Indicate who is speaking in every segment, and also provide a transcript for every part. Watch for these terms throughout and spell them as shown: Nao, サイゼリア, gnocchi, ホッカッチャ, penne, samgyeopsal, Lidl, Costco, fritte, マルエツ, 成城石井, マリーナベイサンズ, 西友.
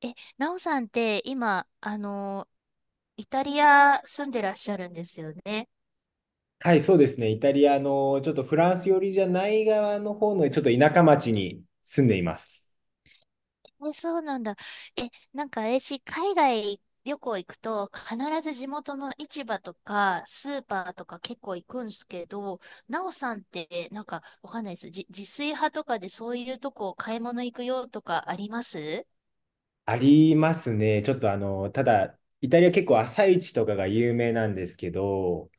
Speaker 1: え、なおさんって今、イタリア住んでらっしゃるんですよね。
Speaker 2: はい、そうですね。イタリアの、ちょっとフランス寄りじゃない側の方の、ちょっと田舎町に住んでいます。
Speaker 1: え、そうなんだ。え、なんか私、海外旅行行くと、必ず地元の市場とか、スーパーとか結構行くんですけど、なおさんって、なんか、わかんないです。自炊派とかでそういうとこ買い物行くよとかあります？
Speaker 2: ありますね。ちょっとただ、イタリア結構朝市とかが有名なんですけど、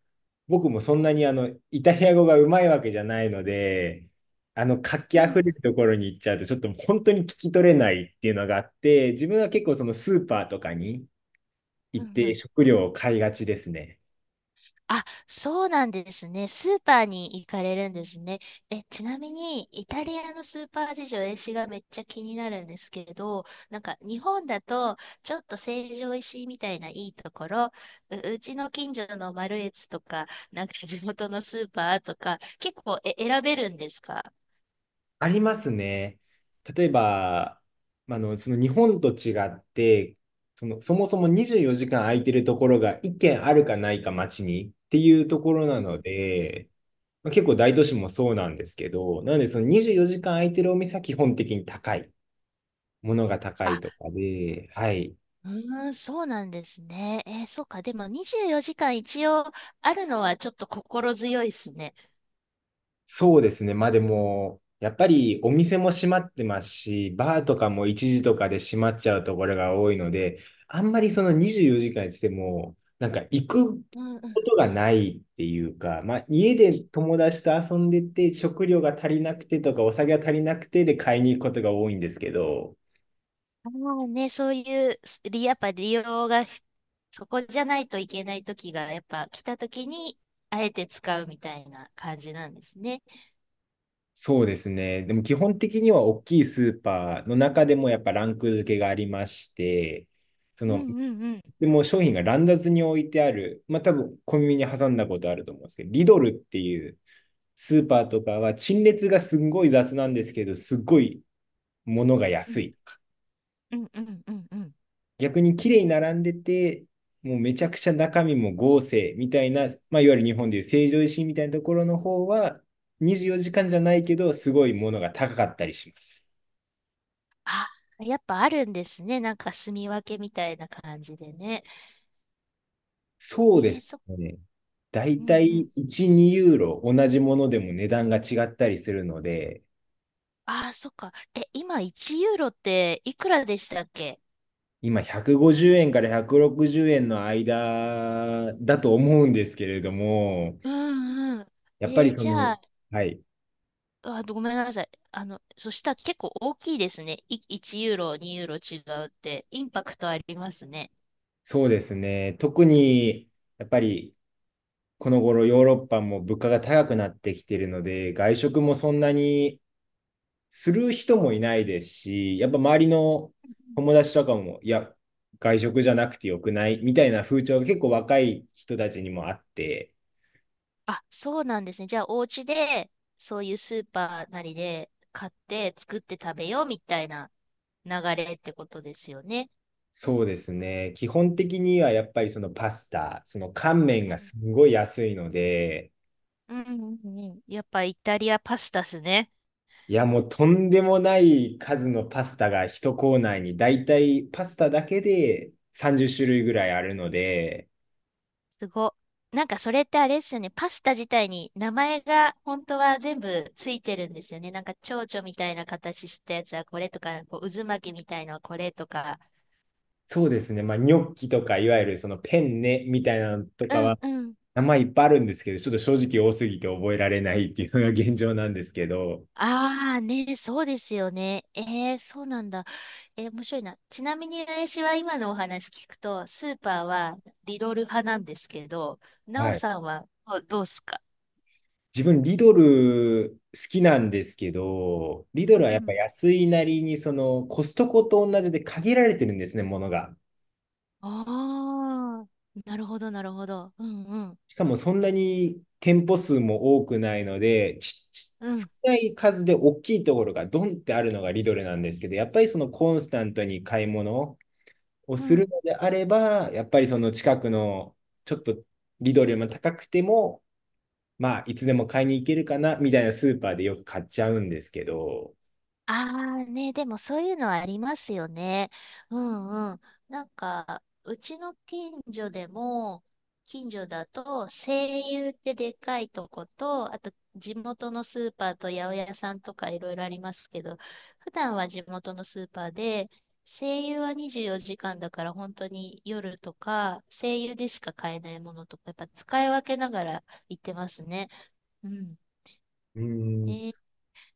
Speaker 2: 僕もそんなにイタリア語がうまいわけじゃないので、活気
Speaker 1: う
Speaker 2: あふれ
Speaker 1: ん、
Speaker 2: るところに行っちゃうと、ちょっと本当に聞き取れないっていうのがあって、自分は結構そのスーパーとかに
Speaker 1: う
Speaker 2: 行っ
Speaker 1: ん、う
Speaker 2: て
Speaker 1: ん。
Speaker 2: 食料を買いがちですね。
Speaker 1: あ、そうなんですね。スーパーに行かれるんですね。え、ちなみに、イタリアのスーパー事情、私がめっちゃ気になるんですけど、なんか日本だと、ちょっと成城石井みたいないいところ、うちの近所のマルエツとか、なんか地元のスーパーとか、結構選べるんですか？
Speaker 2: ありますね。例えば、その日本と違って、そもそも24時間空いてるところが1軒あるかないか街にっていうところな
Speaker 1: うん。
Speaker 2: ので、まあ、結構大都市もそうなんですけど、なのでその24時間空いてるお店は基本的にものが高い
Speaker 1: あ、
Speaker 2: とかで、はい。
Speaker 1: うーん、そうなんですね。そうか。でも24時間一応あるのはちょっと心強いですね。
Speaker 2: そうですね。まあでも、やっぱりお店も閉まってますし、バーとかも一時とかで閉まっちゃうところが多いので、あんまりその24時間やってても、なんか行く
Speaker 1: う
Speaker 2: こ
Speaker 1: ん。
Speaker 2: とがないっていうか、まあ家で友達と遊んでて、食料が足りなくてとか、お酒が足りなくてで買いに行くことが多いんですけど、
Speaker 1: ああね、そういう、すりやっぱ利用がそこじゃないといけない時が、やっぱ来た時に、あえて使うみたいな感じなんですね。
Speaker 2: そうですね。でも基本的には大きいスーパーの中でもやっぱランク付けがありまして、そ
Speaker 1: うん
Speaker 2: の
Speaker 1: うんうん。
Speaker 2: でもう商品が乱雑に置いてある、まあ多分コンビニに挟んだことあると思うんですけど、リドルっていうスーパーとかは陳列がすごい雑なんですけど、すごい物が
Speaker 1: う
Speaker 2: 安
Speaker 1: ん
Speaker 2: いとか。
Speaker 1: うんうんうんうん。
Speaker 2: 逆に綺麗に並んでて、もうめちゃくちゃ中身も豪勢みたいな、まあ、いわゆる日本でいう成城石井みたいなところの方は、24時間じかんじゃないけど、すごいものが高かったりします。
Speaker 1: あ、やっぱあるんですね。なんか住み分けみたいな感じでね。
Speaker 2: そ
Speaker 1: え
Speaker 2: うで
Speaker 1: ー、
Speaker 2: す
Speaker 1: そ、
Speaker 2: ね。だ
Speaker 1: う
Speaker 2: い
Speaker 1: んう
Speaker 2: たい
Speaker 1: ん。
Speaker 2: 1、2ユーロ同じものでも値段が違ったりするので、
Speaker 1: ああ、そっか。え、今1ユーロっていくらでしたっけ？
Speaker 2: 今150円から160円の間だと思うんですけれども、
Speaker 1: うんうん。
Speaker 2: やっぱりそ
Speaker 1: じ
Speaker 2: の、
Speaker 1: ゃあ、
Speaker 2: はい、
Speaker 1: あ、ごめんなさい。そしたら結構大きいですね。1ユーロ、2ユーロ違うって、インパクトありますね。
Speaker 2: そうですね。特に、やっぱりこの頃ヨーロッパも物価が高くなってきているので、外食もそんなにする人もいないですし、やっぱ周りの友達とかも、いや、外食じゃなくてよくないみたいな風潮が結構若い人たちにもあって、
Speaker 1: あ、そうなんですね。じゃあ、お家で、そういうスーパーなりで買って作って食べようみたいな流れってことですよね。
Speaker 2: そうですね。基本的にはやっぱりそのパスタ、その乾麺
Speaker 1: う
Speaker 2: が
Speaker 1: ん。
Speaker 2: すごい安いので、
Speaker 1: うんうんうんうん。やっぱイタリアパスタっすね。
Speaker 2: いやもうとんでもない数のパスタが一コーナーにだいたいパスタだけで30種類ぐらいあるので、
Speaker 1: すご。なんかそれってあれですよね。パスタ自体に名前が本当は全部ついてるんですよね。なんか蝶々みたいな形したやつはこれとか、こう渦巻きみたいのはこれとか。
Speaker 2: そうですね。まあニョッキとかいわゆるそのペンネみたいなのと
Speaker 1: う
Speaker 2: か
Speaker 1: ん
Speaker 2: は
Speaker 1: うん。
Speaker 2: 名前いっぱいあるんですけど、ちょっと正直多すぎて覚えられないっていうのが現状なんですけど、
Speaker 1: ああね、そうですよね。そうなんだ。面白いな。ちなみに私は今のお話聞くと、スーパーはリドル派なんですけど、ナオ
Speaker 2: はい。
Speaker 1: さんはどうっすか？
Speaker 2: 自分、リドル好きなんですけど、リド
Speaker 1: う
Speaker 2: ルはやっぱ
Speaker 1: ん。
Speaker 2: 安いなりに、そのコストコと同じで限られてるんですね、ものが。
Speaker 1: ああ、なるほど、なるほど。うんうん。
Speaker 2: しかもそんなに店舗数も多くないので、
Speaker 1: う
Speaker 2: 少
Speaker 1: ん。
Speaker 2: ない数で大きいところがドンってあるのがリドルなんですけど、やっぱりそのコンスタントに買い物を
Speaker 1: う
Speaker 2: する
Speaker 1: ん。
Speaker 2: のであれば、やっぱりその近くのちょっとリドルよりも高くても、まあ、いつでも買いに行けるかな、みたいなスーパーでよく買っちゃうんですけど、
Speaker 1: ああね、でもそういうのはありますよね。うんうん。なんか、うちの近所でも、近所だと、西友ってでかいとこと、あと地元のスーパーと八百屋さんとかいろいろありますけど、普段は地元のスーパーで、西友は24時間だから本当に夜とか、西友でしか買えないものとか、やっぱ使い分けながら行ってますね。うん。
Speaker 2: うー
Speaker 1: え
Speaker 2: ん
Speaker 1: ー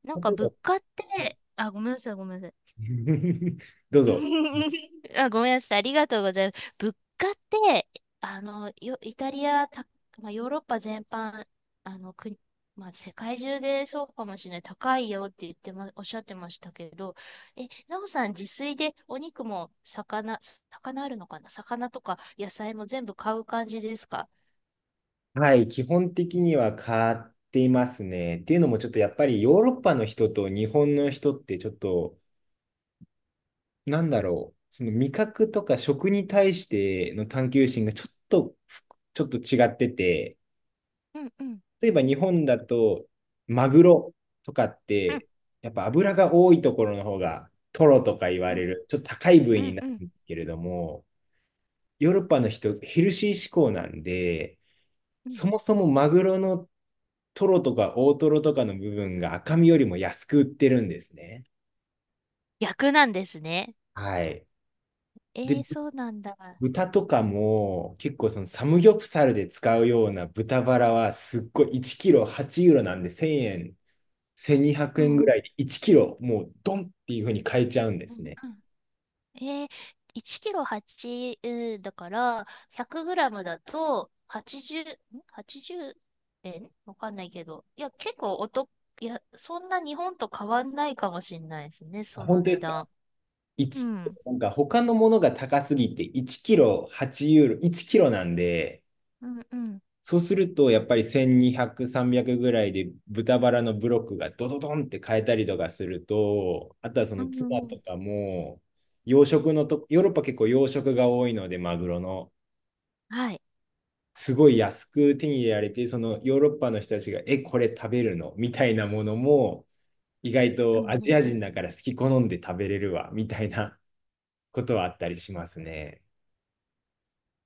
Speaker 1: なんか
Speaker 2: 例えば、は
Speaker 1: 物価っ
Speaker 2: い。
Speaker 1: て、あ、ごめんなさい、ごめんなさい。
Speaker 2: どうぞ。
Speaker 1: あ、ごめんなさい。ありがとうございます。物価って、イタリア、まあ、ヨーロッパ全般、国、まあ、世界中でそうかもしれない。高いよって言ってま、おっしゃってましたけど、え、なおさん、自炊でお肉も魚、魚あるのかな、魚とか野菜も全部買う感じですか？
Speaker 2: はい、基本的には買っていますね。っていうのも、ちょっとやっぱりヨーロッパの人と日本の人って、ちょっと、なんだろう、その味覚とか食に対しての探求心がちょっと違ってて、
Speaker 1: うんうん。
Speaker 2: 例えば日本だと、マグロとかっ
Speaker 1: うん
Speaker 2: て、やっぱ脂が多いところの方が、トロとか言わ
Speaker 1: う
Speaker 2: れ
Speaker 1: ん
Speaker 2: る、ちょっと高い部位
Speaker 1: う
Speaker 2: に
Speaker 1: ん
Speaker 2: な
Speaker 1: うん
Speaker 2: るんですけれども、ヨーロッパの人、ヘルシー志向なんで、
Speaker 1: うん。
Speaker 2: そもそもマグロのトロとか大トロとかの部分が赤身よりも安く売ってるんですね。
Speaker 1: 逆なんですね。
Speaker 2: はい。で、
Speaker 1: そうなんだ。
Speaker 2: 豚とかも結構そのサムギョプサルで使うような豚バラはすっごい1キロ8ユーロなんで1000円、1200
Speaker 1: う
Speaker 2: 円
Speaker 1: ん
Speaker 2: ぐ
Speaker 1: うん。
Speaker 2: らいで1キロもうドンっていう風に買えちゃうんで
Speaker 1: う
Speaker 2: す
Speaker 1: ん
Speaker 2: ね。
Speaker 1: うん。えー、1キロ8、だから、100グラムだと、80、ん ?80 円わかんないけど。いや、結構お得、いや、そんな日本と変わんないかもしれないですね、そ
Speaker 2: あ、
Speaker 1: の
Speaker 2: 本当で
Speaker 1: 値
Speaker 2: すか？
Speaker 1: 段。う
Speaker 2: 一
Speaker 1: ん。
Speaker 2: なんか他のものが高すぎて1キロ8ユーロ、1キロなんで、
Speaker 1: うんうん。
Speaker 2: そうすると、やっぱり1200、300ぐらいで豚バラのブロックがドドドンって変えたりとかすると、あとはそ
Speaker 1: うん
Speaker 2: のツ
Speaker 1: う
Speaker 2: ナ
Speaker 1: んう
Speaker 2: と
Speaker 1: ん。
Speaker 2: かも、養殖のと、ヨーロッパ結構養殖が多いので、マグロの、
Speaker 1: はい。
Speaker 2: すごい安く手に入れられて、そのヨーロッパの人たちが、え、これ食べるのみたいなものも、意外
Speaker 1: うん
Speaker 2: とア
Speaker 1: う
Speaker 2: ジ
Speaker 1: ん。
Speaker 2: ア人だから好き好んで食べれるわ、みたいなことはあったりしますね。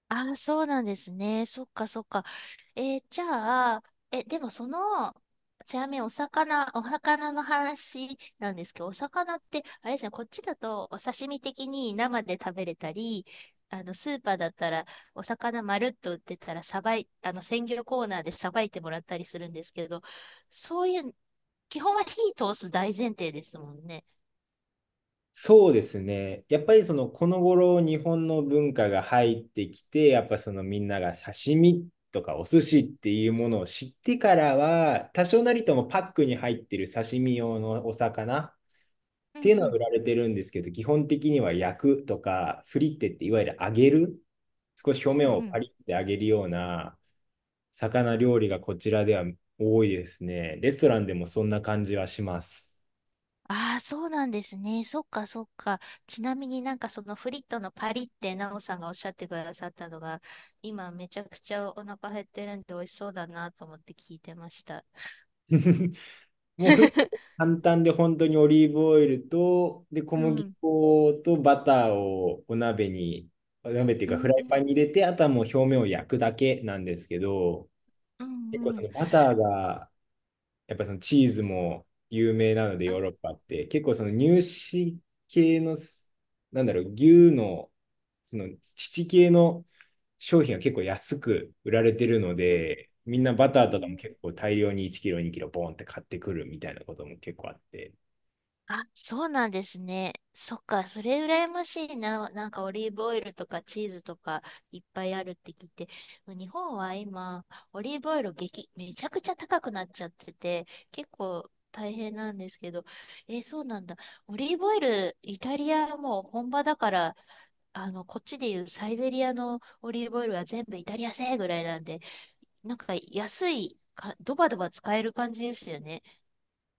Speaker 1: ああ、そうなんですね。そっかそっか。じゃあ、え、でもその、ちなみにお魚の話なんですけど、お魚って、あれですね、こっちだとお刺身的に生で食べれたり、スーパーだったら、お魚まるっと売ってたら、さばい、あの、鮮魚コーナーでさばいてもらったりするんですけど、そういう、基本は火通す大前提ですもんね。
Speaker 2: そうですね。やっぱりその、この頃日本の文化が入ってきて、やっぱそのみんなが刺身とかお寿司っていうものを知ってからは、多少なりともパックに入ってる刺身用のお魚っ
Speaker 1: うん
Speaker 2: ていうの
Speaker 1: う
Speaker 2: は
Speaker 1: ん
Speaker 2: 売られてるんですけど、基本的には焼くとか、フリッテっていわゆる揚げる、少し表
Speaker 1: う
Speaker 2: 面
Speaker 1: ん
Speaker 2: を
Speaker 1: う
Speaker 2: パ
Speaker 1: ん。
Speaker 2: リッて揚げるような魚料理がこちらでは多いですね。レストランでもそんな感じはします。
Speaker 1: ああ、そうなんですね。そっか、そっか。ちなみになんかそのフリットのパリってナオさんがおっしゃってくださったのが、今めちゃくちゃお腹減ってるんで美味しそうだなと思って聞いてました。
Speaker 2: もうフリット 簡単で本当にオリーブオイルと、で、小
Speaker 1: う
Speaker 2: 麦
Speaker 1: ん。
Speaker 2: 粉とバターをお鍋に、お鍋っていう
Speaker 1: う
Speaker 2: かフ
Speaker 1: ん
Speaker 2: ラ
Speaker 1: う
Speaker 2: イパ
Speaker 1: ん。
Speaker 2: ンに入れて、あとはもう表面を焼くだけなんですけど、
Speaker 1: う
Speaker 2: 結構
Speaker 1: んう
Speaker 2: そ
Speaker 1: ん。
Speaker 2: のバターがやっぱそのチーズも有名なので
Speaker 1: う
Speaker 2: ヨーロ
Speaker 1: ん
Speaker 2: ッパって結構その乳脂系のなんだろう、牛のその乳系の商品は結構安く売られてるの
Speaker 1: うん。
Speaker 2: で、みんなバ
Speaker 1: う
Speaker 2: ターとか
Speaker 1: んう
Speaker 2: も
Speaker 1: ん。
Speaker 2: 結構大量に1キロ2キロボンって買ってくるみたいなことも結構あって、
Speaker 1: あ、そうなんですね。そっか、それ羨ましいな。なんかオリーブオイルとかチーズとかいっぱいあるって聞いて、日本は今、オリーブオイルめちゃくちゃ高くなっちゃってて、結構大変なんですけど、そうなんだ。オリーブオイル、イタリアはもう本場だから、こっちでいうサイゼリアのオリーブオイルは全部イタリア製ぐらいなんで、なんか安いか、ドバドバ使える感じですよね。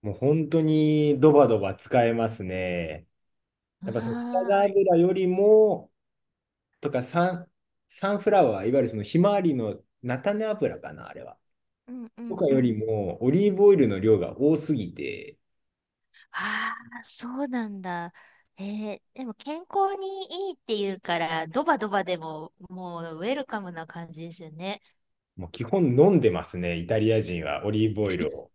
Speaker 2: もう本当にドバドバ使えますね。やっぱそのサラダ
Speaker 1: はーい。
Speaker 2: 油よりもとか、サンフラワーいわゆるそのひまわりの菜種油かなあれは、
Speaker 1: うんう
Speaker 2: と
Speaker 1: ん
Speaker 2: か
Speaker 1: う
Speaker 2: より
Speaker 1: ん。
Speaker 2: も、オリーブオイルの量が多すぎて、
Speaker 1: ああ、そうなんだ。えでも健康にいいっていうから、ドバドバでも、もうウェルカムな感じですよね。
Speaker 2: もう基本飲んでますね、イタリア人はオリーブオイルを。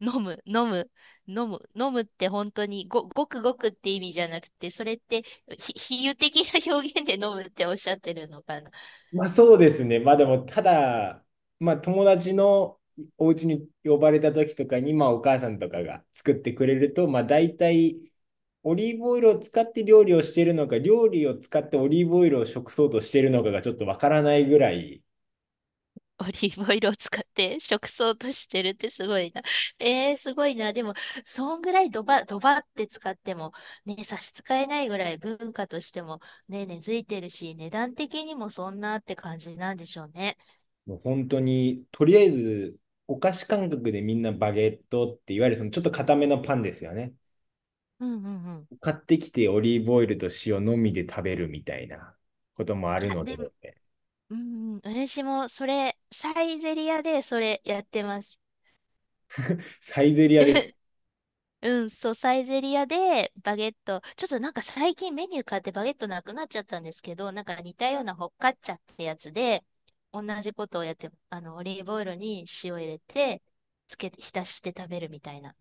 Speaker 1: 飲む、飲む、飲む、飲むって本当にごくごくって意味じゃなくて、それって比喩的な表現で飲むっておっしゃってるのか？
Speaker 2: まあそうですね、まあでも、ただ、まあ友達のお家に呼ばれた時とかに、まあお母さんとかが作ってくれると、まあ大体、オリーブオイルを使って料理をしているのか、料理を使ってオリーブオイルを食そうとしているのかがちょっとわからないぐらい、
Speaker 1: オリーブオイルを使って食草としてるってすごいな。すごいな。でも、そんぐらいドバ、ドバって使っても、ね、差し支えないぐらい文化としても、ね、根付いてるし、値段的にもそんなって感じなんでしょうね。
Speaker 2: もう本当に、とりあえず、お菓子感覚でみんなバゲットって、いわゆるそのちょっと固めのパンですよね。
Speaker 1: うんうんうん。
Speaker 2: 買ってきてオリーブオイルと塩のみで食べるみたいなこともある
Speaker 1: あ、
Speaker 2: ので、
Speaker 1: でも、うんうん、私もそれ、サイゼリヤでそれやってます。
Speaker 2: サイゼリアで
Speaker 1: うん、そう、サイゼリアでバゲット、ちょっとなんか最近メニュー変わってバゲットなくなっちゃったんですけど、なんか似たようなホッカッチャってやつで、同じことをやって、オリーブオイルに塩入れて、つけて、浸して食べるみたいな。